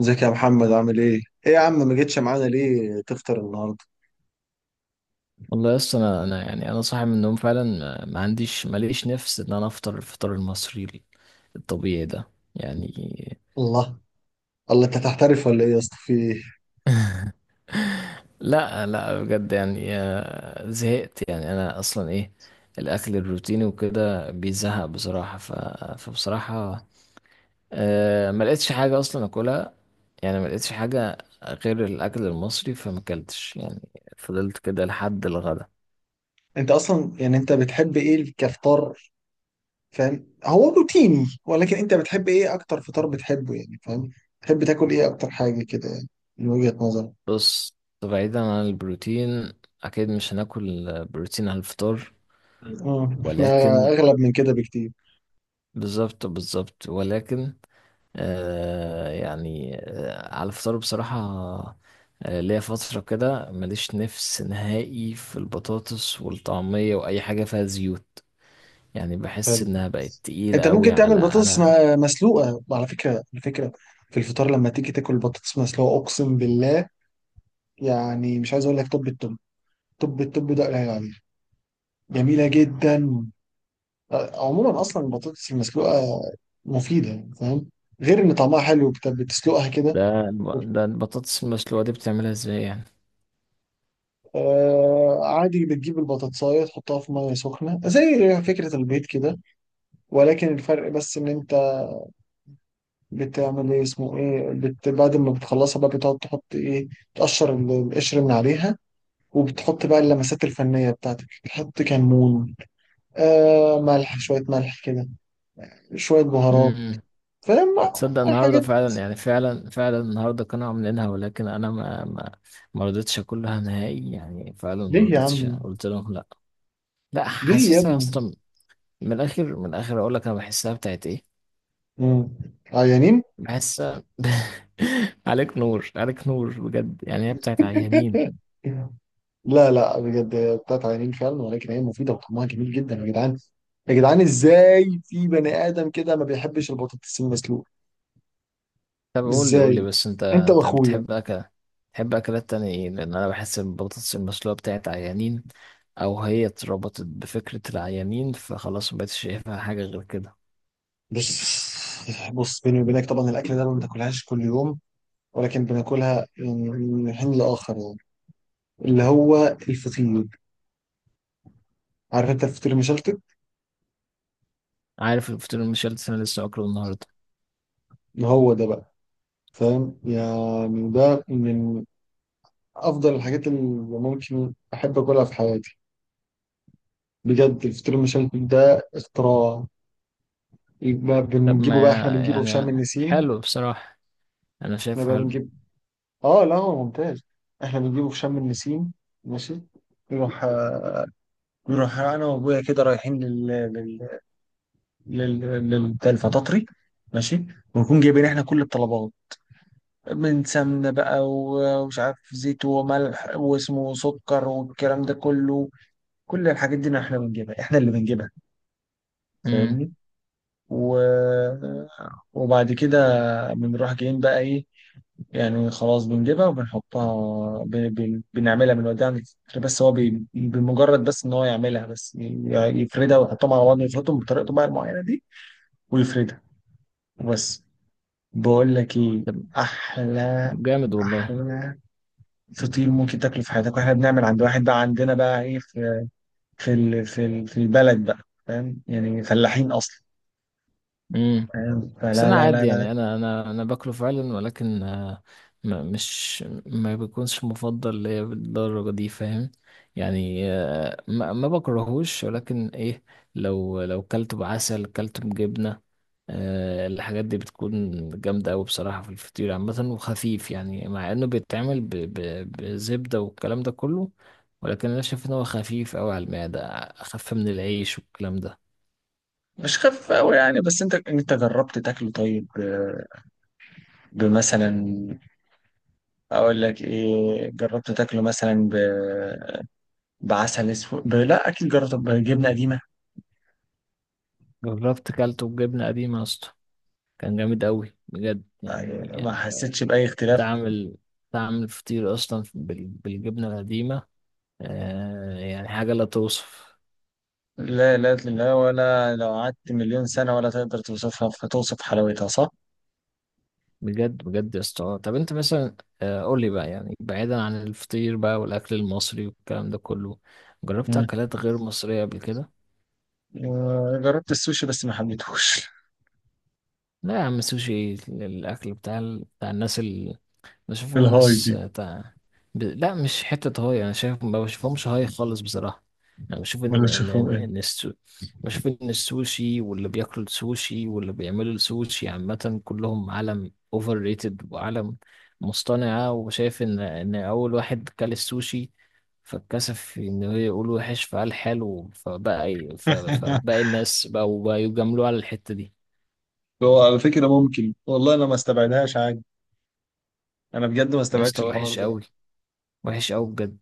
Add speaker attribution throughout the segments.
Speaker 1: ازيك يا محمد عامل ايه؟ ايه يا عم ما جيتش معانا ليه تفطر النهارده؟
Speaker 2: والله يس انا يعني انا صاحي من النوم فعلا، ما عنديش، ماليش نفس ان انا افطر الفطار المصري الطبيعي ده، يعني.
Speaker 1: الله، الله انت تحترف ولا ايه يا اسطى في ايه؟
Speaker 2: لا بجد يعني، زهقت يعني. انا اصلا ايه، الاكل الروتيني وكده بيزهق بصراحة، فبصراحة ما لقيتش حاجة اصلا اكلها، يعني ما لقيتش حاجة غير الاكل المصري، فما اكلتش يعني. فضلت كده لحد الغدا.
Speaker 1: انت اصلا يعني انت بتحب ايه كفطار فاهم؟ هو روتيني ولكن انت بتحب ايه اكتر فطار بتحبه يعني فاهم؟ تحب تاكل ايه اكتر حاجه كده يعني من وجهة نظرك؟
Speaker 2: بص، بعيدا عن البروتين، اكيد مش هناكل بروتين على الفطار،
Speaker 1: اه احنا
Speaker 2: ولكن
Speaker 1: اغلب من كده بكتير.
Speaker 2: بالظبط، بالظبط، ولكن آه، يعني آه، على الفطار بصراحة، آه ليا فترة كده ماليش نفس نهائي في البطاطس والطعمية وأي حاجة فيها زيوت. يعني بحس
Speaker 1: حلو،
Speaker 2: إنها بقت
Speaker 1: انت
Speaker 2: تقيلة أوي
Speaker 1: ممكن تعمل
Speaker 2: على
Speaker 1: بطاطس
Speaker 2: على
Speaker 1: مسلوقه على فكره، على فكره في الفطار لما تيجي تاكل بطاطس مسلوقه اقسم بالله. يعني مش عايز اقول لك طب التوب، طب التوب ده قليل عليه، جميلة جدا. عموما أصلا البطاطس المسلوقة مفيدة يعني فاهم، غير إن طعمها حلو بتسلقها كده
Speaker 2: ده
Speaker 1: وبت-
Speaker 2: ده البطاطس المسلوقة دي بتعملها ازاي يعني؟
Speaker 1: آه عادي، بتجيب البطاطساية تحطها في مية سخنة زي فكرة البيض كده، ولكن الفرق بس إن أنت بتعمل إيه اسمه إيه بت بعد ما بتخلصها بقى بتقعد تحط إيه، تقشر القشر من عليها وبتحط بقى اللمسات الفنية بتاعتك، بتحط كمون، آه، ملح، شوية ملح كده، شوية بهارات،
Speaker 2: امم،
Speaker 1: فاهم،
Speaker 2: تصدق النهاردة
Speaker 1: حاجات.
Speaker 2: فعلا، يعني فعلا فعلا النهاردة كانوا عاملينها، ولكن أنا ما رضيتش أكلها نهائي يعني، فعلا ما
Speaker 1: ليه يا
Speaker 2: رضيتش،
Speaker 1: عم،
Speaker 2: قلت لهم لأ. لا،
Speaker 1: ليه يا
Speaker 2: حاسسها
Speaker 1: ابني؟
Speaker 2: اصلا، من الاخر، من الاخر اقول لك، انا بحسها بتاعت ايه،
Speaker 1: مم. عيانين؟
Speaker 2: بحسها عليك نور، عليك نور بجد يعني، هي بتاعت عيانين.
Speaker 1: لا لا بجد هي بتاعت عيانين فعلا، ولكن هي مفيدة وطعمها جميل جدا يا جدعان. يا جدعان ازاي في بني آدم كده ما بيحبش البطاطس المسلوقة؟
Speaker 2: طب قول لي، قول لي
Speaker 1: ازاي؟
Speaker 2: بس، انت
Speaker 1: انت
Speaker 2: انت
Speaker 1: واخويا.
Speaker 2: بتحب اكل، بتحب اكلات تانية ايه؟ لان انا بحس البطاطس المسلوقة بتاعت عيانين، او هي اتربطت بفكرة العيانين فخلاص مبقتش شايفها حاجة غير كده.
Speaker 1: بص، بص بيني وبينك طبعا الأكل ده ما بناكلهاش كل يوم، ولكن بناكلها يعني من حين لآخر، يعني اللي هو الفطير، عارف انت الفطير المشلتت؟
Speaker 2: عارف الفطير المشلتت، انا لسه اكله النهاردة.
Speaker 1: هو ده بقى، فاهم يعني ده من افضل الحاجات اللي ممكن احب اكلها في حياتي. بجد الفطير المشلتت ده اختراع. يبقى
Speaker 2: طب ما،
Speaker 1: بنجيبه بقى، احنا بنجيبه في شم
Speaker 2: يعني
Speaker 1: النسيم.
Speaker 2: حلو بصراحة، انا
Speaker 1: احنا
Speaker 2: شايفه
Speaker 1: بقى
Speaker 2: حلو.
Speaker 1: بنجيب، اه لا هو ممتاز، احنا بنجيبه في شم النسيم. ماشي، نروح، نروح انا وابويا كده رايحين لل لل بتاع الفطاطري، ماشي، ونكون جايبين احنا كل الطلبات، من سمنه بقى ومش عارف زيت وملح واسمه سكر والكلام ده كله، كل الحاجات دي احنا بنجيبها، احنا اللي بنجيبها،
Speaker 2: امم.
Speaker 1: فاهمني. و... وبعد كده بنروح جايين بقى ايه، يعني خلاص بنجيبها وبنحطها، بنعملها، بنوديها عند الفكرة، بس هو بمجرد بس ان هو يعملها، يفردها ويحطهم على بعض، يفردهم بطريقته بقى المعينة دي، ويفردها وبس. بقول لك ايه،
Speaker 2: طب،
Speaker 1: احلى،
Speaker 2: طب جامد والله.
Speaker 1: احلى فطير ممكن تاكله في حياتك، واحنا بنعمل عند واحد بقى عندنا بقى ايه، في في البلد بقى، فاهم يعني فلاحين اصلا،
Speaker 2: مم.
Speaker 1: فاهم،
Speaker 2: بس
Speaker 1: فلا
Speaker 2: انا
Speaker 1: لا
Speaker 2: عادي
Speaker 1: لا
Speaker 2: يعني، انا باكله فعلا، ولكن ما، مش ما بيكونش مفضل ليا بالدرجه دي، فاهم؟ يعني ما بكرهوش، ولكن ايه، لو لو كلته بعسل، كلته بجبنه، الحاجات دي بتكون جامده قوي بصراحه في الفطير عامه، وخفيف يعني، مع انه بيتعمل بزبده والكلام ده كله، ولكن انا شايف ان هو خفيف قوي على المعده، اخف من العيش والكلام ده.
Speaker 1: مش خفيف قوي يعني، بس انت جربت تاكله طيب؟ آه، بمثلا، اقول لك ايه، جربت تاكله مثلا بعسل اسود لا اكيد جربت بجبنه قديمه؟
Speaker 2: جربت كلته بجبنه قديمه يا اسطى، كان جامد أوي بجد يعني.
Speaker 1: ما حسيتش باي اختلاف.
Speaker 2: تعمل تعمل فطير أصلا بالجبنة القديمة، آه يعني حاجة لا توصف.
Speaker 1: لا لا لا، ولا لو قعدت مليون سنه ولا تقدر توصفها، فتوصف حلاوتها صح؟
Speaker 2: بجد بجد يا اسطى، طب أنت مثلا، آه قول لي بقى يعني، بعيدا عن الفطير بقى والأكل المصري والكلام ده كله، جربت
Speaker 1: مم.
Speaker 2: أكلات غير مصرية قبل كده؟
Speaker 1: آه، جربت السوشي بس ما حبيتهوش.
Speaker 2: لا يا عم، سوشي الأكل بتاع بتاع الناس، بشوفهم
Speaker 1: الهاي
Speaker 2: ناس
Speaker 1: دي،
Speaker 2: تع... لا مش حتة هاي، أنا شايف، ما بشوفهمش هاي خالص بصراحة. أنا بشوف
Speaker 1: ولا
Speaker 2: إن
Speaker 1: شافوه ايه.
Speaker 2: بشوف إن السوشي واللي بياكلوا السوشي واللي بيعملوا السوشي عامة، كلهم عالم أوفر ريتد وعالم مصطنعة، وشايف إن أول واحد كل السوشي فاتكسف إن هو يقول وحش، فقال حلو، فبقى فباقي الناس بقوا يجاملوه على الحتة دي.
Speaker 1: هو على فكرة ممكن، والله انا ما استبعدهاش عادي، انا بجد ما
Speaker 2: يا
Speaker 1: استبعدش
Speaker 2: اسطى
Speaker 1: الحوار
Speaker 2: وحش
Speaker 1: ده.
Speaker 2: أوي، وحش أوي بجد.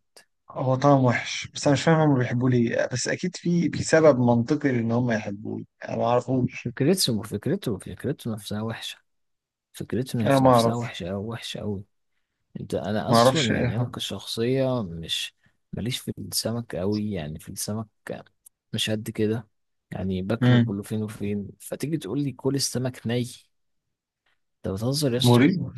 Speaker 1: هو طعم وحش، بس انا مش فاهم هم بيحبوه ليه، بس اكيد في في سبب منطقي ان هم يحبوه، انا ما اعرفوش،
Speaker 2: فكرته نفسها وحشة. فكرته
Speaker 1: انا ما
Speaker 2: نفسها
Speaker 1: اعرفش.
Speaker 2: وحشة أوي، وحشة أوي. أنت، أنا
Speaker 1: ما اعرفش
Speaker 2: أصلا
Speaker 1: ايه
Speaker 2: يعني
Speaker 1: هو.
Speaker 2: أنا كشخصية مش ماليش في السمك أوي، يعني في السمك مش قد كده يعني، باكله
Speaker 1: امم،
Speaker 2: كله فين وفين، فتيجي تقول لي كل السمك ني، أنت بتهزر يا اسطى؟
Speaker 1: مريب.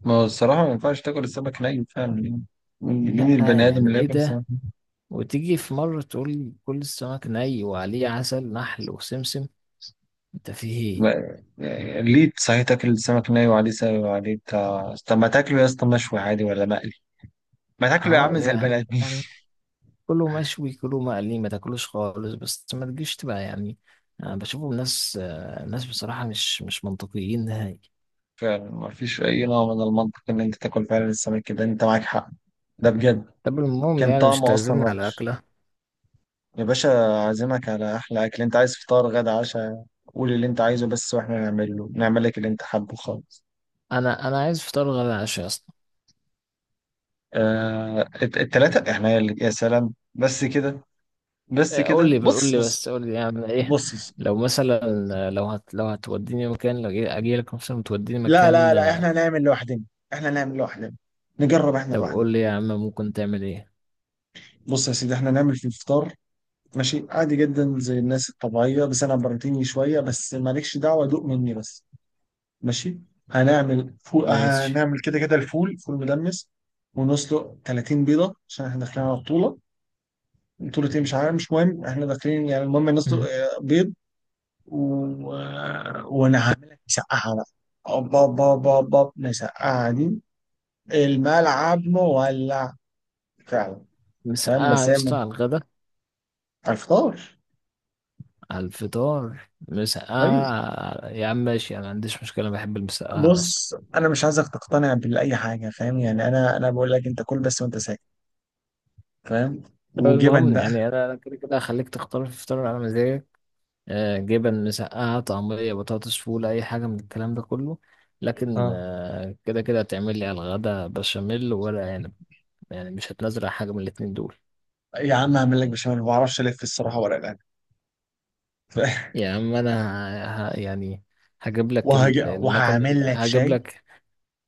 Speaker 1: ما هو الصراحه ما ينفعش تاكل السمك ني فعلا يعني. مين مين
Speaker 2: لأ
Speaker 1: البني ادم
Speaker 2: يعني
Speaker 1: اللي
Speaker 2: إيه
Speaker 1: ياكل سمك؟
Speaker 2: ده، وتيجي في مرة تقول لي كل السمك ني وعليه عسل نحل وسمسم، أنت في إيه؟
Speaker 1: يعني ليه صحيح تاكل السمك ني وعليه سبب وعليه بتاع، طب ما تاكله يا اسطى مشوي عادي ولا مقلي، ما تاكله يا
Speaker 2: أه
Speaker 1: عم زي
Speaker 2: يعني،
Speaker 1: البني ادمين.
Speaker 2: يعني كله مشوي، كله مقلي، ما تاكلوش خالص، بس ما تجيش تبقى يعني، أنا بشوفهم ناس، ناس بصراحة مش مش منطقيين نهائي.
Speaker 1: فعلا ما فيش اي نوع من المنطق ان انت تاكل فعلا السمك كده، انت معاك حق، ده بجد.
Speaker 2: طب المهم
Speaker 1: كان
Speaker 2: يعني، مش
Speaker 1: طعمه اصلا
Speaker 2: تعزمني على
Speaker 1: وحش.
Speaker 2: أكلة.
Speaker 1: يا باشا، عازمك على احلى اكل، انت عايز فطار، غدا، عشاء، قول اللي انت عايزه بس، واحنا نعمله، نعمل لك اللي انت حابه خالص.
Speaker 2: أنا، أنا عايز فطار غدا عشاء أصلا.
Speaker 1: آه، التلاتة احنا يا سلام بس كده، بس
Speaker 2: إيه، قول
Speaker 1: كده.
Speaker 2: لي، قول
Speaker 1: بص
Speaker 2: لي
Speaker 1: بص،
Speaker 2: بس، قول لي أعمل إيه؟
Speaker 1: بص بص.
Speaker 2: لو مثلا، لو هت، لو هتوديني مكان، لو أجي، أجي لك مثلا توديني
Speaker 1: لا لا
Speaker 2: مكان،
Speaker 1: لا،
Speaker 2: آه،
Speaker 1: احنا نعمل لوحدنا، احنا نعمل لوحدنا، نجرب احنا
Speaker 2: طب
Speaker 1: لوحدنا.
Speaker 2: قول لي يا عم، ممكن تعمل إيه؟
Speaker 1: بص يا سيدي، احنا نعمل في الفطار ماشي عادي جدا زي الناس الطبيعية، بس انا بروتيني شوية، بس مالكش دعوة دوق مني بس. ماشي، هنعمل فول،
Speaker 2: ماشي.
Speaker 1: هنعمل كده كده الفول، فول مدمس، ونسلق 30 بيضة عشان احنا داخلين على بطولة، بطولة ايه مش عارف، مش مهم، احنا داخلين يعني، المهم نسلق
Speaker 2: مم.
Speaker 1: آه، بيض. آه، وانا هعمل لك مسقعة بقى. أوبا با با با، مسقعة دي، الملعب مولع فعلا. فاهم
Speaker 2: مسقعة
Speaker 1: بس
Speaker 2: يا
Speaker 1: هي
Speaker 2: اسطى على الغدا؟
Speaker 1: على الفطار.
Speaker 2: على الفطار
Speaker 1: ايوه،
Speaker 2: مسقعة يا عم؟ ماشي، أنا ما عنديش مشكلة، بحب المسقعة أصلا.
Speaker 1: بص انا مش عايزك تقتنع باي حاجه، فاهم يعني، انا بقول لك انت كل بس وانت ساكت، فاهم،
Speaker 2: طب
Speaker 1: وجبن
Speaker 2: المهم يعني انا، أنا كده كده هخليك تختار في فطار على مزاجك، جبن، مسقعه، طعميه، بطاطس، فول، اي حاجه من الكلام ده كله، لكن
Speaker 1: بقى.
Speaker 2: كده كده هتعمل لي على الغدا بشاميل وورق عنب، يعني مش هتنزل حاجه من الاتنين دول.
Speaker 1: يا عم، هعمل لك بشاميل، ما بعرفش الف الصراحه ورق العنب.
Speaker 2: يا عم انا، يعني هجيب لك المكنه،
Speaker 1: وهعمل لك
Speaker 2: هجيب
Speaker 1: شاي.
Speaker 2: لك،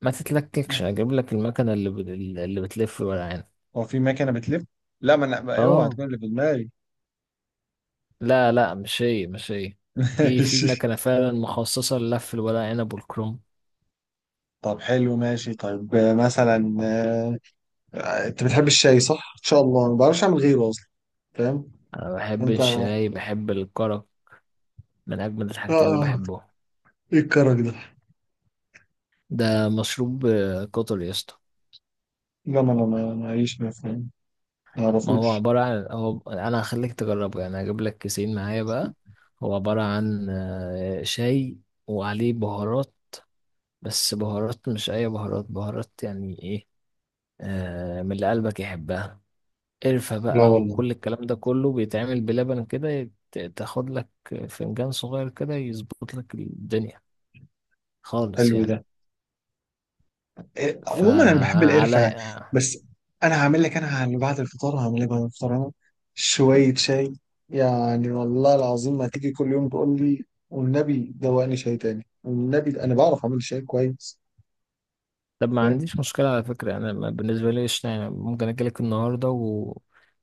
Speaker 2: ما تتلككش، هجيب لك المكنه اللي بتلف الورق عنب.
Speaker 1: هو في مكنه بتلف؟ لا ما انا اوعى
Speaker 2: اه،
Speaker 1: تكون اللي في دماغي.
Speaker 2: لا لا، مش هي، مش هي. في، في
Speaker 1: ماشي.
Speaker 2: مكنه فعلا مخصصه للف الورق عنب والكرنب.
Speaker 1: طب حلو، ماشي، طيب آه، مثلا، آه، آه، انت بتحب الشاي صح؟ ان شاء الله ما بعرفش اعمل غيره اصلا، فاهم؟
Speaker 2: أنا بحب
Speaker 1: انت اه،
Speaker 2: الشاي، بحب الكرك، من أجمل الحاجات اللي
Speaker 1: آه،
Speaker 2: بحبها.
Speaker 1: ايه الكرك ده؟
Speaker 2: ده مشروب، قطر يا اسطى.
Speaker 1: لا ما انا معيش ما فاهم، ما
Speaker 2: ما هو
Speaker 1: اعرفوش.
Speaker 2: عبارة عن، هو أنا هخليك تجربه يعني، هجيب لك كيسين معايا بقى. هو عبارة عن شاي وعليه بهارات، بس بهارات مش أي بهارات، بهارات يعني إيه، من اللي قلبك يحبها، قرفة
Speaker 1: لا
Speaker 2: بقى
Speaker 1: والله،
Speaker 2: وكل الكلام ده كله، بيتعمل بلبن كده، تاخد لك فنجان صغير كده، يظبط لك الدنيا خالص
Speaker 1: حلو ده.
Speaker 2: يعني.
Speaker 1: إيه، عموما انا بحب القرفه
Speaker 2: فعلى،
Speaker 1: يعني، بس انا هعمل لك، انا اللي بعد الفطار هعمل لك، بعد الفطار انا شويه شاي، يعني والله العظيم ما تيجي كل يوم تقول لي والنبي دوقني شاي تاني، والنبي انا بعرف اعمل شاي كويس،
Speaker 2: طب ما
Speaker 1: فاهم.
Speaker 2: عنديش مشكلة على فكرة يعني، أنا ما، بالنسبة لي قشطة يعني، ممكن أجيلك النهاردة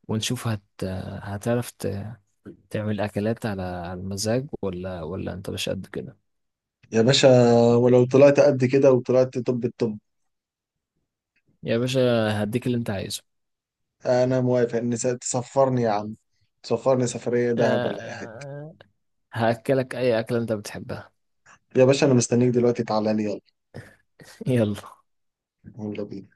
Speaker 2: ونشوف هتعرف تعمل أكلات على على المزاج، ولا ولا أنت مش قد كده؟
Speaker 1: يا باشا، ولو طلعت قد كده، وطلعت طب الطب،
Speaker 2: يا باشا، هديك اللي أنت عايزه.
Speaker 1: انا موافق ان تسفرني يا عم، تسفرني سفريه دهب ولا اي حاجه.
Speaker 2: أه، هأكلك أي أكلة أنت بتحبها.
Speaker 1: يا باشا انا مستنيك دلوقتي، تعالى لي يلا،
Speaker 2: يلا.
Speaker 1: يلا بينا.